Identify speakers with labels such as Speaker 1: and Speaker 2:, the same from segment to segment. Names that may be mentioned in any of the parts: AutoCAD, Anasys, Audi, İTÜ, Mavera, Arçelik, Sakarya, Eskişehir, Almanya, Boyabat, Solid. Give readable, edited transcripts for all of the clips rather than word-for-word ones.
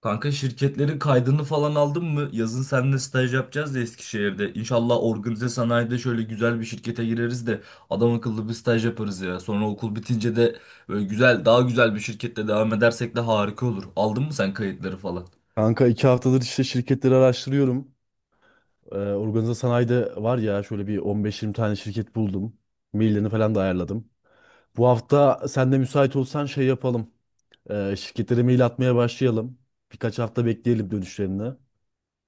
Speaker 1: Kanka şirketlerin kaydını falan aldın mı? Yazın seninle staj yapacağız ya Eskişehir'de. İnşallah organize sanayide şöyle güzel bir şirkete gireriz de adam akıllı bir staj yaparız ya. Sonra okul bitince de böyle güzel, daha güzel bir şirkette devam edersek de harika olur. Aldın mı sen kayıtları falan?
Speaker 2: Kanka iki haftadır işte şirketleri araştırıyorum. Organize sanayide var ya şöyle bir 15-20 tane şirket buldum. Maillerini falan da ayarladım. Bu hafta sen de müsait olsan şey yapalım. Şirketlere mail atmaya başlayalım. Birkaç hafta bekleyelim dönüşlerini.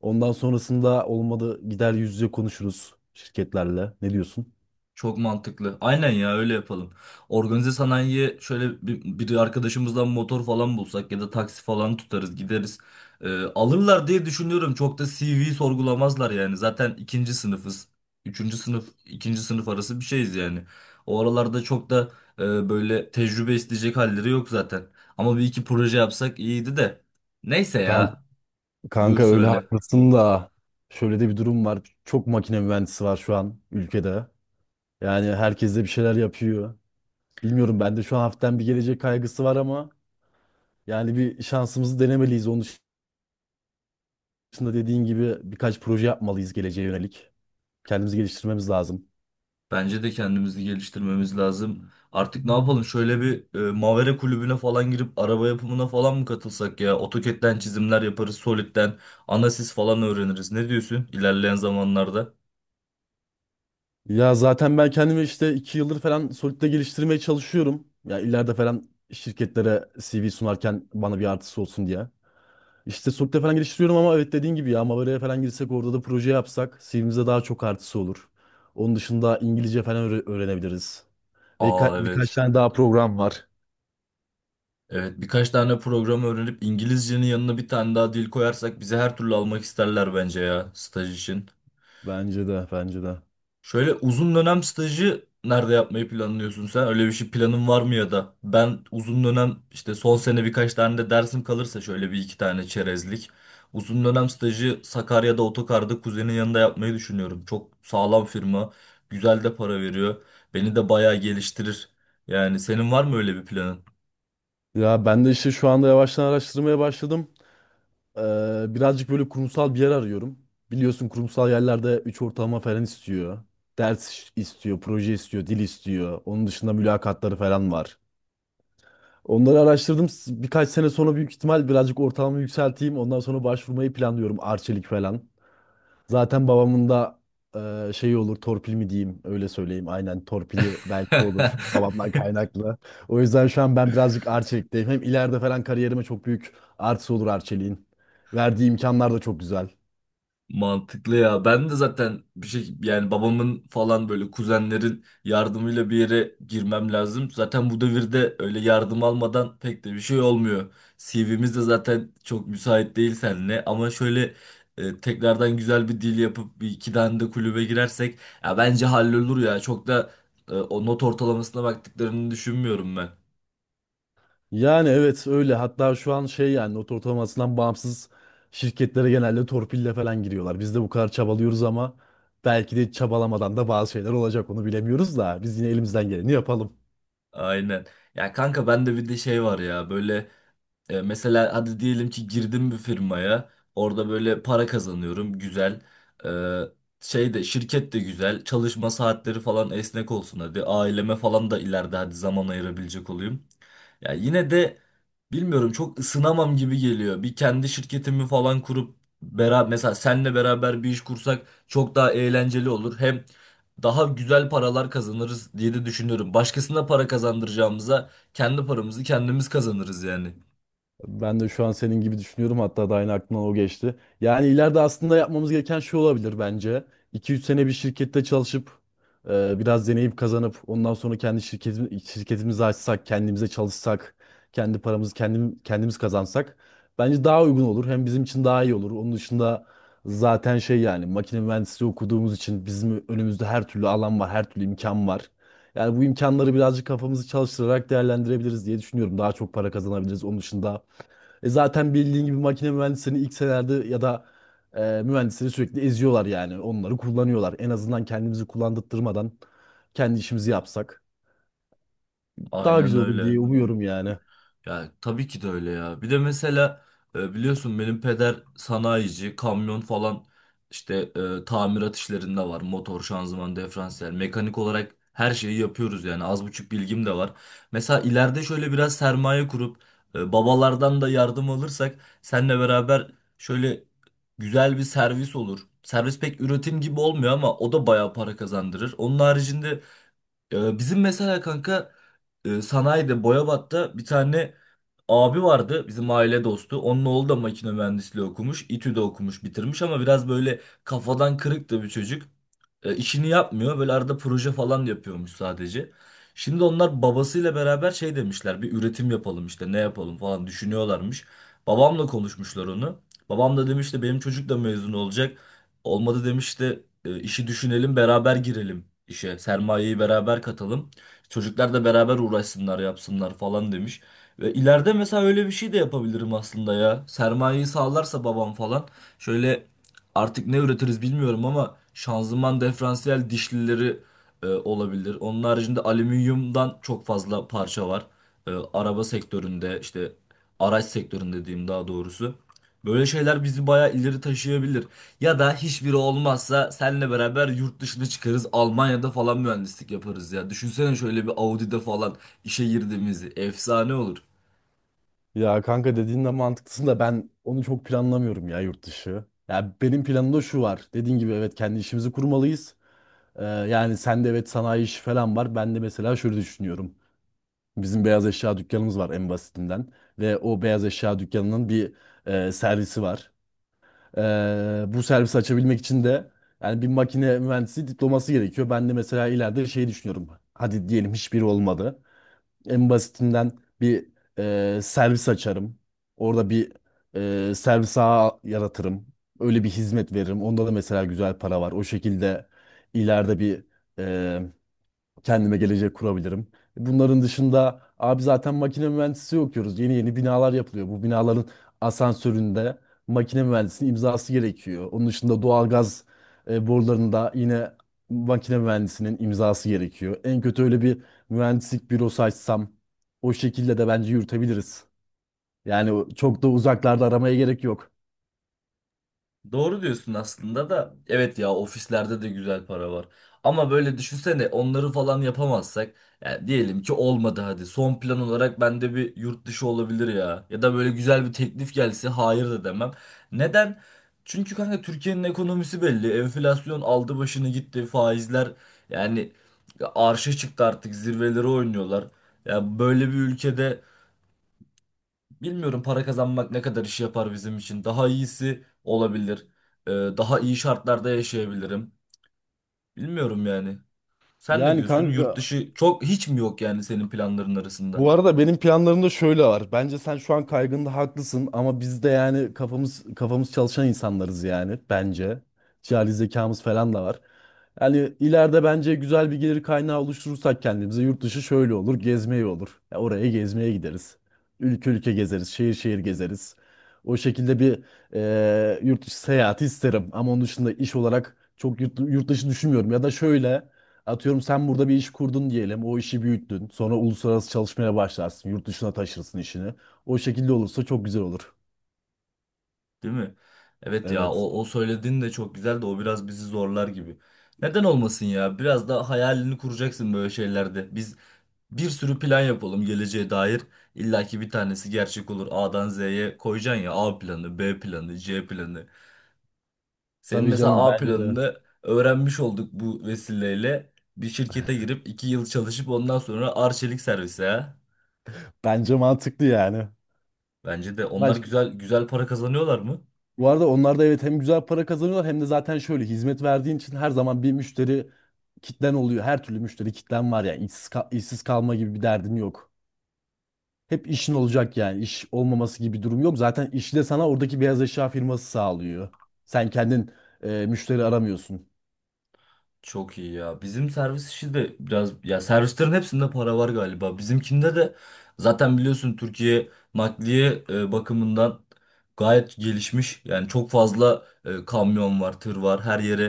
Speaker 2: Ondan sonrasında olmadı gider yüz yüze konuşuruz şirketlerle. Ne diyorsun?
Speaker 1: Çok mantıklı. Aynen ya öyle yapalım. Organize sanayiye şöyle bir arkadaşımızdan motor falan bulsak ya da taksi falan tutarız gideriz. Alırlar diye düşünüyorum. Çok da CV sorgulamazlar yani. Zaten ikinci sınıfız. Üçüncü sınıf, ikinci sınıf arası bir şeyiz yani. O aralarda çok da böyle tecrübe isteyecek halleri yok zaten. Ama bir iki proje yapsak iyiydi de. Neyse
Speaker 2: Kanka,
Speaker 1: ya. Buyur
Speaker 2: kanka, öyle
Speaker 1: söyle.
Speaker 2: haklısın da şöyle de bir durum var. Çok makine mühendisi var şu an ülkede. Yani herkes de bir şeyler yapıyor. Bilmiyorum, ben de şu an hafiften bir gelecek kaygısı var ama yani bir şansımızı denemeliyiz. Onun dışında dediğin gibi birkaç proje yapmalıyız geleceğe yönelik. Kendimizi geliştirmemiz lazım.
Speaker 1: Bence de kendimizi geliştirmemiz lazım. Artık ne yapalım? Şöyle bir Mavera kulübüne falan girip araba yapımına falan mı katılsak ya? AutoCAD'den çizimler yaparız, Solid'den Anasys falan öğreniriz. Ne diyorsun ilerleyen zamanlarda?
Speaker 2: Ya zaten ben kendimi işte iki yıldır falan Solid'de geliştirmeye çalışıyorum. Ya ileride falan şirketlere CV sunarken bana bir artısı olsun diye. İşte Solid'de falan geliştiriyorum ama evet dediğin gibi ya Mavera'ya falan girsek orada da proje yapsak CV'mize daha çok artısı olur. Onun dışında İngilizce falan öğrenebiliriz. Ve
Speaker 1: Aa
Speaker 2: birkaç
Speaker 1: evet.
Speaker 2: tane daha program var.
Speaker 1: Evet, birkaç tane program öğrenip İngilizcenin yanına bir tane daha dil koyarsak bizi her türlü almak isterler bence ya staj için.
Speaker 2: Bence de, bence de.
Speaker 1: Şöyle uzun dönem stajı nerede yapmayı planlıyorsun sen? Öyle bir şey planın var mı ya da? Ben uzun dönem işte son sene birkaç tane de dersim kalırsa şöyle bir iki tane çerezlik. Uzun dönem stajı Sakarya'da otokarda kuzenin yanında yapmayı düşünüyorum. Çok sağlam firma, güzel de para veriyor. Beni de bayağı geliştirir. Yani senin var mı öyle bir planın?
Speaker 2: Ya ben de işte şu anda yavaştan araştırmaya başladım. Birazcık böyle kurumsal bir yer arıyorum. Biliyorsun kurumsal yerlerde 3 ortalama falan istiyor. Ders istiyor, proje istiyor, dil istiyor. Onun dışında mülakatları falan var. Onları araştırdım. Birkaç sene sonra büyük ihtimal birazcık ortalamamı yükselteyim. Ondan sonra başvurmayı planlıyorum. Arçelik falan. Zaten babamın da şeyi olur, torpil mi diyeyim, öyle söyleyeyim. Aynen, torpili belki olur babamdan kaynaklı. O yüzden şu an ben birazcık Arçelik'teyim. Hem ileride falan kariyerime çok büyük artısı olur Arçelik'in. Verdiği imkanlar da çok güzel.
Speaker 1: Mantıklı ya. Ben de zaten bir şey yani babamın falan böyle kuzenlerin yardımıyla bir yere girmem lazım. Zaten bu devirde öyle yardım almadan pek de bir şey olmuyor. CV'miz de zaten çok müsait değil seninle ama şöyle tekrardan güzel bir dil yapıp bir iki tane de kulübe girersek ya bence hallolur ya. Çok da o not ortalamasına baktıklarını düşünmüyorum ben.
Speaker 2: Yani evet öyle. Hatta şu an şey, yani not ortalamasından bağımsız şirketlere genelde torpille falan giriyorlar. Biz de bu kadar çabalıyoruz ama belki de çabalamadan da bazı şeyler olacak, onu bilemiyoruz da biz yine elimizden geleni yapalım.
Speaker 1: Aynen. Ya kanka ben de bir de şey var ya böyle. Mesela hadi diyelim ki girdim bir firmaya. Orada böyle para kazanıyorum. Güzel. E, Şey de şirket de güzel. Çalışma saatleri falan esnek olsun hadi. Aileme falan da ileride hadi zaman ayırabilecek olayım. Ya yine de bilmiyorum, çok ısınamam gibi geliyor. Bir kendi şirketimi falan kurup beraber, mesela senle beraber bir iş kursak çok daha eğlenceli olur. Hem daha güzel paralar kazanırız diye de düşünüyorum. Başkasına para kazandıracağımıza kendi paramızı kendimiz kazanırız yani.
Speaker 2: Ben de şu an senin gibi düşünüyorum. Hatta da aynı aklımdan o geçti. Yani ileride aslında yapmamız gereken şey olabilir bence. 2 üç sene bir şirkette çalışıp biraz deneyip kazanıp ondan sonra kendi şirketimi, şirketimizi açsak, kendimize çalışsak, kendi paramızı kendim, kendimiz kazansak bence daha uygun olur. Hem bizim için daha iyi olur. Onun dışında zaten şey, yani makine mühendisliği okuduğumuz için bizim önümüzde her türlü alan var, her türlü imkan var. Yani bu imkanları birazcık kafamızı çalıştırarak değerlendirebiliriz diye düşünüyorum. Daha çok para kazanabiliriz. Onun dışında zaten bildiğin gibi makine mühendislerini ilk senelerde ya da mühendisleri sürekli eziyorlar yani. Onları kullanıyorlar. En azından kendimizi kullandırtmadan kendi işimizi yapsak daha
Speaker 1: Aynen
Speaker 2: güzel olur
Speaker 1: öyle.
Speaker 2: diye umuyorum yani.
Speaker 1: Yani tabii ki de öyle ya. Bir de mesela biliyorsun benim peder sanayici, kamyon falan işte tamirat işlerinde var. Motor, şanzıman, diferansiyel, mekanik olarak her şeyi yapıyoruz yani. Az buçuk bilgim de var. Mesela ileride şöyle biraz sermaye kurup babalardan da yardım alırsak seninle beraber şöyle güzel bir servis olur. Servis pek üretim gibi olmuyor ama o da bayağı para kazandırır. Onun haricinde bizim mesela kanka sanayide Boyabat'ta bir tane abi vardı bizim aile dostu. Onun oğlu da makine mühendisliği okumuş. İTÜ'de okumuş, bitirmiş ama biraz böyle kafadan kırık da bir çocuk. İşini yapmıyor. Böyle arada proje falan yapıyormuş sadece. Şimdi onlar babasıyla beraber şey demişler. Bir üretim yapalım işte ne yapalım falan düşünüyorlarmış. Babamla konuşmuşlar onu. Babam da demiş de benim çocuk da mezun olacak. Olmadı demiş de işi düşünelim, beraber girelim işe. Sermayeyi beraber katalım. Çocuklar da beraber uğraşsınlar, yapsınlar falan demiş. Ve ileride mesela öyle bir şey de yapabilirim aslında ya. Sermayeyi sağlarsa babam falan. Şöyle artık ne üretiriz bilmiyorum ama şanzıman, diferansiyel dişlileri olabilir. Onun haricinde alüminyumdan çok fazla parça var. Araba sektöründe işte araç sektöründe diyeyim daha doğrusu. Böyle şeyler bizi bayağı ileri taşıyabilir. Ya da hiçbiri olmazsa seninle beraber yurt dışına çıkarız. Almanya'da falan mühendislik yaparız ya. Düşünsene şöyle bir Audi'de falan işe girdiğimizi. Efsane olur.
Speaker 2: Ya kanka, dediğin de mantıklısın da ben onu çok planlamıyorum, ya yurt dışı. Ya benim planımda şu var. Dediğin gibi evet, kendi işimizi kurmalıyız. Yani sende evet sanayi işi falan var. Ben de mesela şöyle düşünüyorum. Bizim beyaz eşya dükkanımız var en basitinden. Ve o beyaz eşya dükkanının bir servisi var. Bu servisi açabilmek için de yani bir makine mühendisi diploması gerekiyor. Ben de mesela ileride şey düşünüyorum. Hadi diyelim hiçbiri olmadı. En basitinden bir servis açarım. Orada bir servis ağı yaratırım. Öyle bir hizmet veririm. Onda da mesela güzel para var. O şekilde ileride bir kendime gelecek kurabilirim. Bunların dışında abi zaten makine mühendisliği okuyoruz. Yeni yeni binalar yapılıyor. Bu binaların asansöründe makine mühendisinin imzası gerekiyor. Onun dışında doğalgaz borularında yine makine mühendisinin imzası gerekiyor. En kötü öyle bir mühendislik bürosu açsam o şekilde de bence yürütebiliriz. Yani çok da uzaklarda aramaya gerek yok.
Speaker 1: Doğru diyorsun aslında da, evet ya, ofislerde de güzel para var. Ama böyle düşünsene onları falan yapamazsak, yani diyelim ki olmadı hadi, son plan olarak bende bir yurt dışı olabilir ya. Ya da böyle güzel bir teklif gelse hayır da demem. Neden? Çünkü kanka Türkiye'nin ekonomisi belli. Enflasyon aldı başını gitti. Faizler, yani arşa çıktı, artık zirveleri oynuyorlar. Ya böyle bir ülkede bilmiyorum para kazanmak ne kadar iş yapar bizim için. Daha iyisi olabilir. Daha iyi şartlarda yaşayabilirim. Bilmiyorum yani. Sen ne
Speaker 2: Yani
Speaker 1: diyorsun? Yurt
Speaker 2: kanka,
Speaker 1: dışı çok hiç mi yok yani senin planların arasında?
Speaker 2: bu arada benim planlarım da şöyle var. Bence sen şu an kaygında haklısın ama biz de yani kafamız çalışan insanlarız yani bence. Cihali zekamız falan da var. Yani ileride bence güzel bir gelir kaynağı oluşturursak kendimize, yurt dışı şöyle olur, gezmeye olur. Ya oraya gezmeye gideriz. Ülke ülke gezeriz, şehir şehir gezeriz. O şekilde bir yurt dışı seyahati isterim ama onun dışında iş olarak çok yurt dışı düşünmüyorum. Ya da şöyle, atıyorum sen burada bir iş kurdun diyelim. O işi büyüttün. Sonra uluslararası çalışmaya başlarsın. Yurt dışına taşırsın işini. O şekilde olursa çok güzel olur.
Speaker 1: Değil mi? Evet ya
Speaker 2: Evet.
Speaker 1: o söylediğin de çok güzel de o biraz bizi zorlar gibi. Neden olmasın ya? Biraz da hayalini kuracaksın böyle şeylerde. Biz bir sürü plan yapalım geleceğe dair. İlla ki bir tanesi gerçek olur. A'dan Z'ye koyacaksın ya. A planı, B planı, C planı. Senin
Speaker 2: Tabii canım,
Speaker 1: mesela A
Speaker 2: bence de.
Speaker 1: planını öğrenmiş olduk bu vesileyle. Bir şirkete girip iki yıl çalışıp ondan sonra arçelik servise. Ha.
Speaker 2: Bence mantıklı yani.
Speaker 1: Bence de onlar
Speaker 2: Başka,
Speaker 1: güzel güzel para kazanıyorlar mı?
Speaker 2: bu arada onlar da evet, hem güzel para kazanıyorlar hem de zaten şöyle hizmet verdiğin için her zaman bir müşteri kitlen oluyor. Her türlü müşteri kitlen var yani. İşsiz, işsiz kalma gibi bir derdin yok. Hep işin olacak yani. İş olmaması gibi bir durum yok. Zaten işi de sana oradaki beyaz eşya firması sağlıyor. Sen kendin müşteri aramıyorsun.
Speaker 1: Çok iyi ya. Bizim servis işi de biraz, ya servislerin hepsinde para var galiba. Bizimkinde de zaten biliyorsun Türkiye nakliye bakımından gayet gelişmiş. Yani çok fazla kamyon var, tır var. Her yere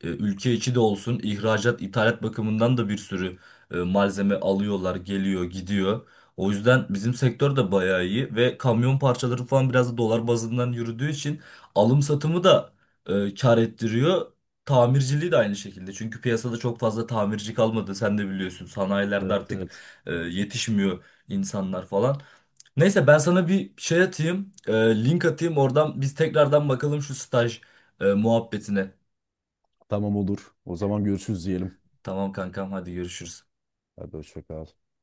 Speaker 1: ülke içi de olsun, ihracat, ithalat bakımından da bir sürü malzeme alıyorlar, geliyor, gidiyor. O yüzden bizim sektör de bayağı iyi ve kamyon parçaları falan biraz da dolar bazından yürüdüğü için alım satımı da kar ettiriyor. Tamirciliği de aynı şekilde. Çünkü piyasada çok fazla tamirci kalmadı. Sen de biliyorsun. Sanayilerde
Speaker 2: Evet,
Speaker 1: artık
Speaker 2: evet.
Speaker 1: yetişmiyor insanlar falan. Neyse, ben sana bir şey atayım. Link atayım. Oradan biz tekrardan bakalım şu staj muhabbetine.
Speaker 2: Tamam, olur. O zaman görüşürüz diyelim.
Speaker 1: Tamam kankam, hadi görüşürüz.
Speaker 2: Hadi, hoşça kal.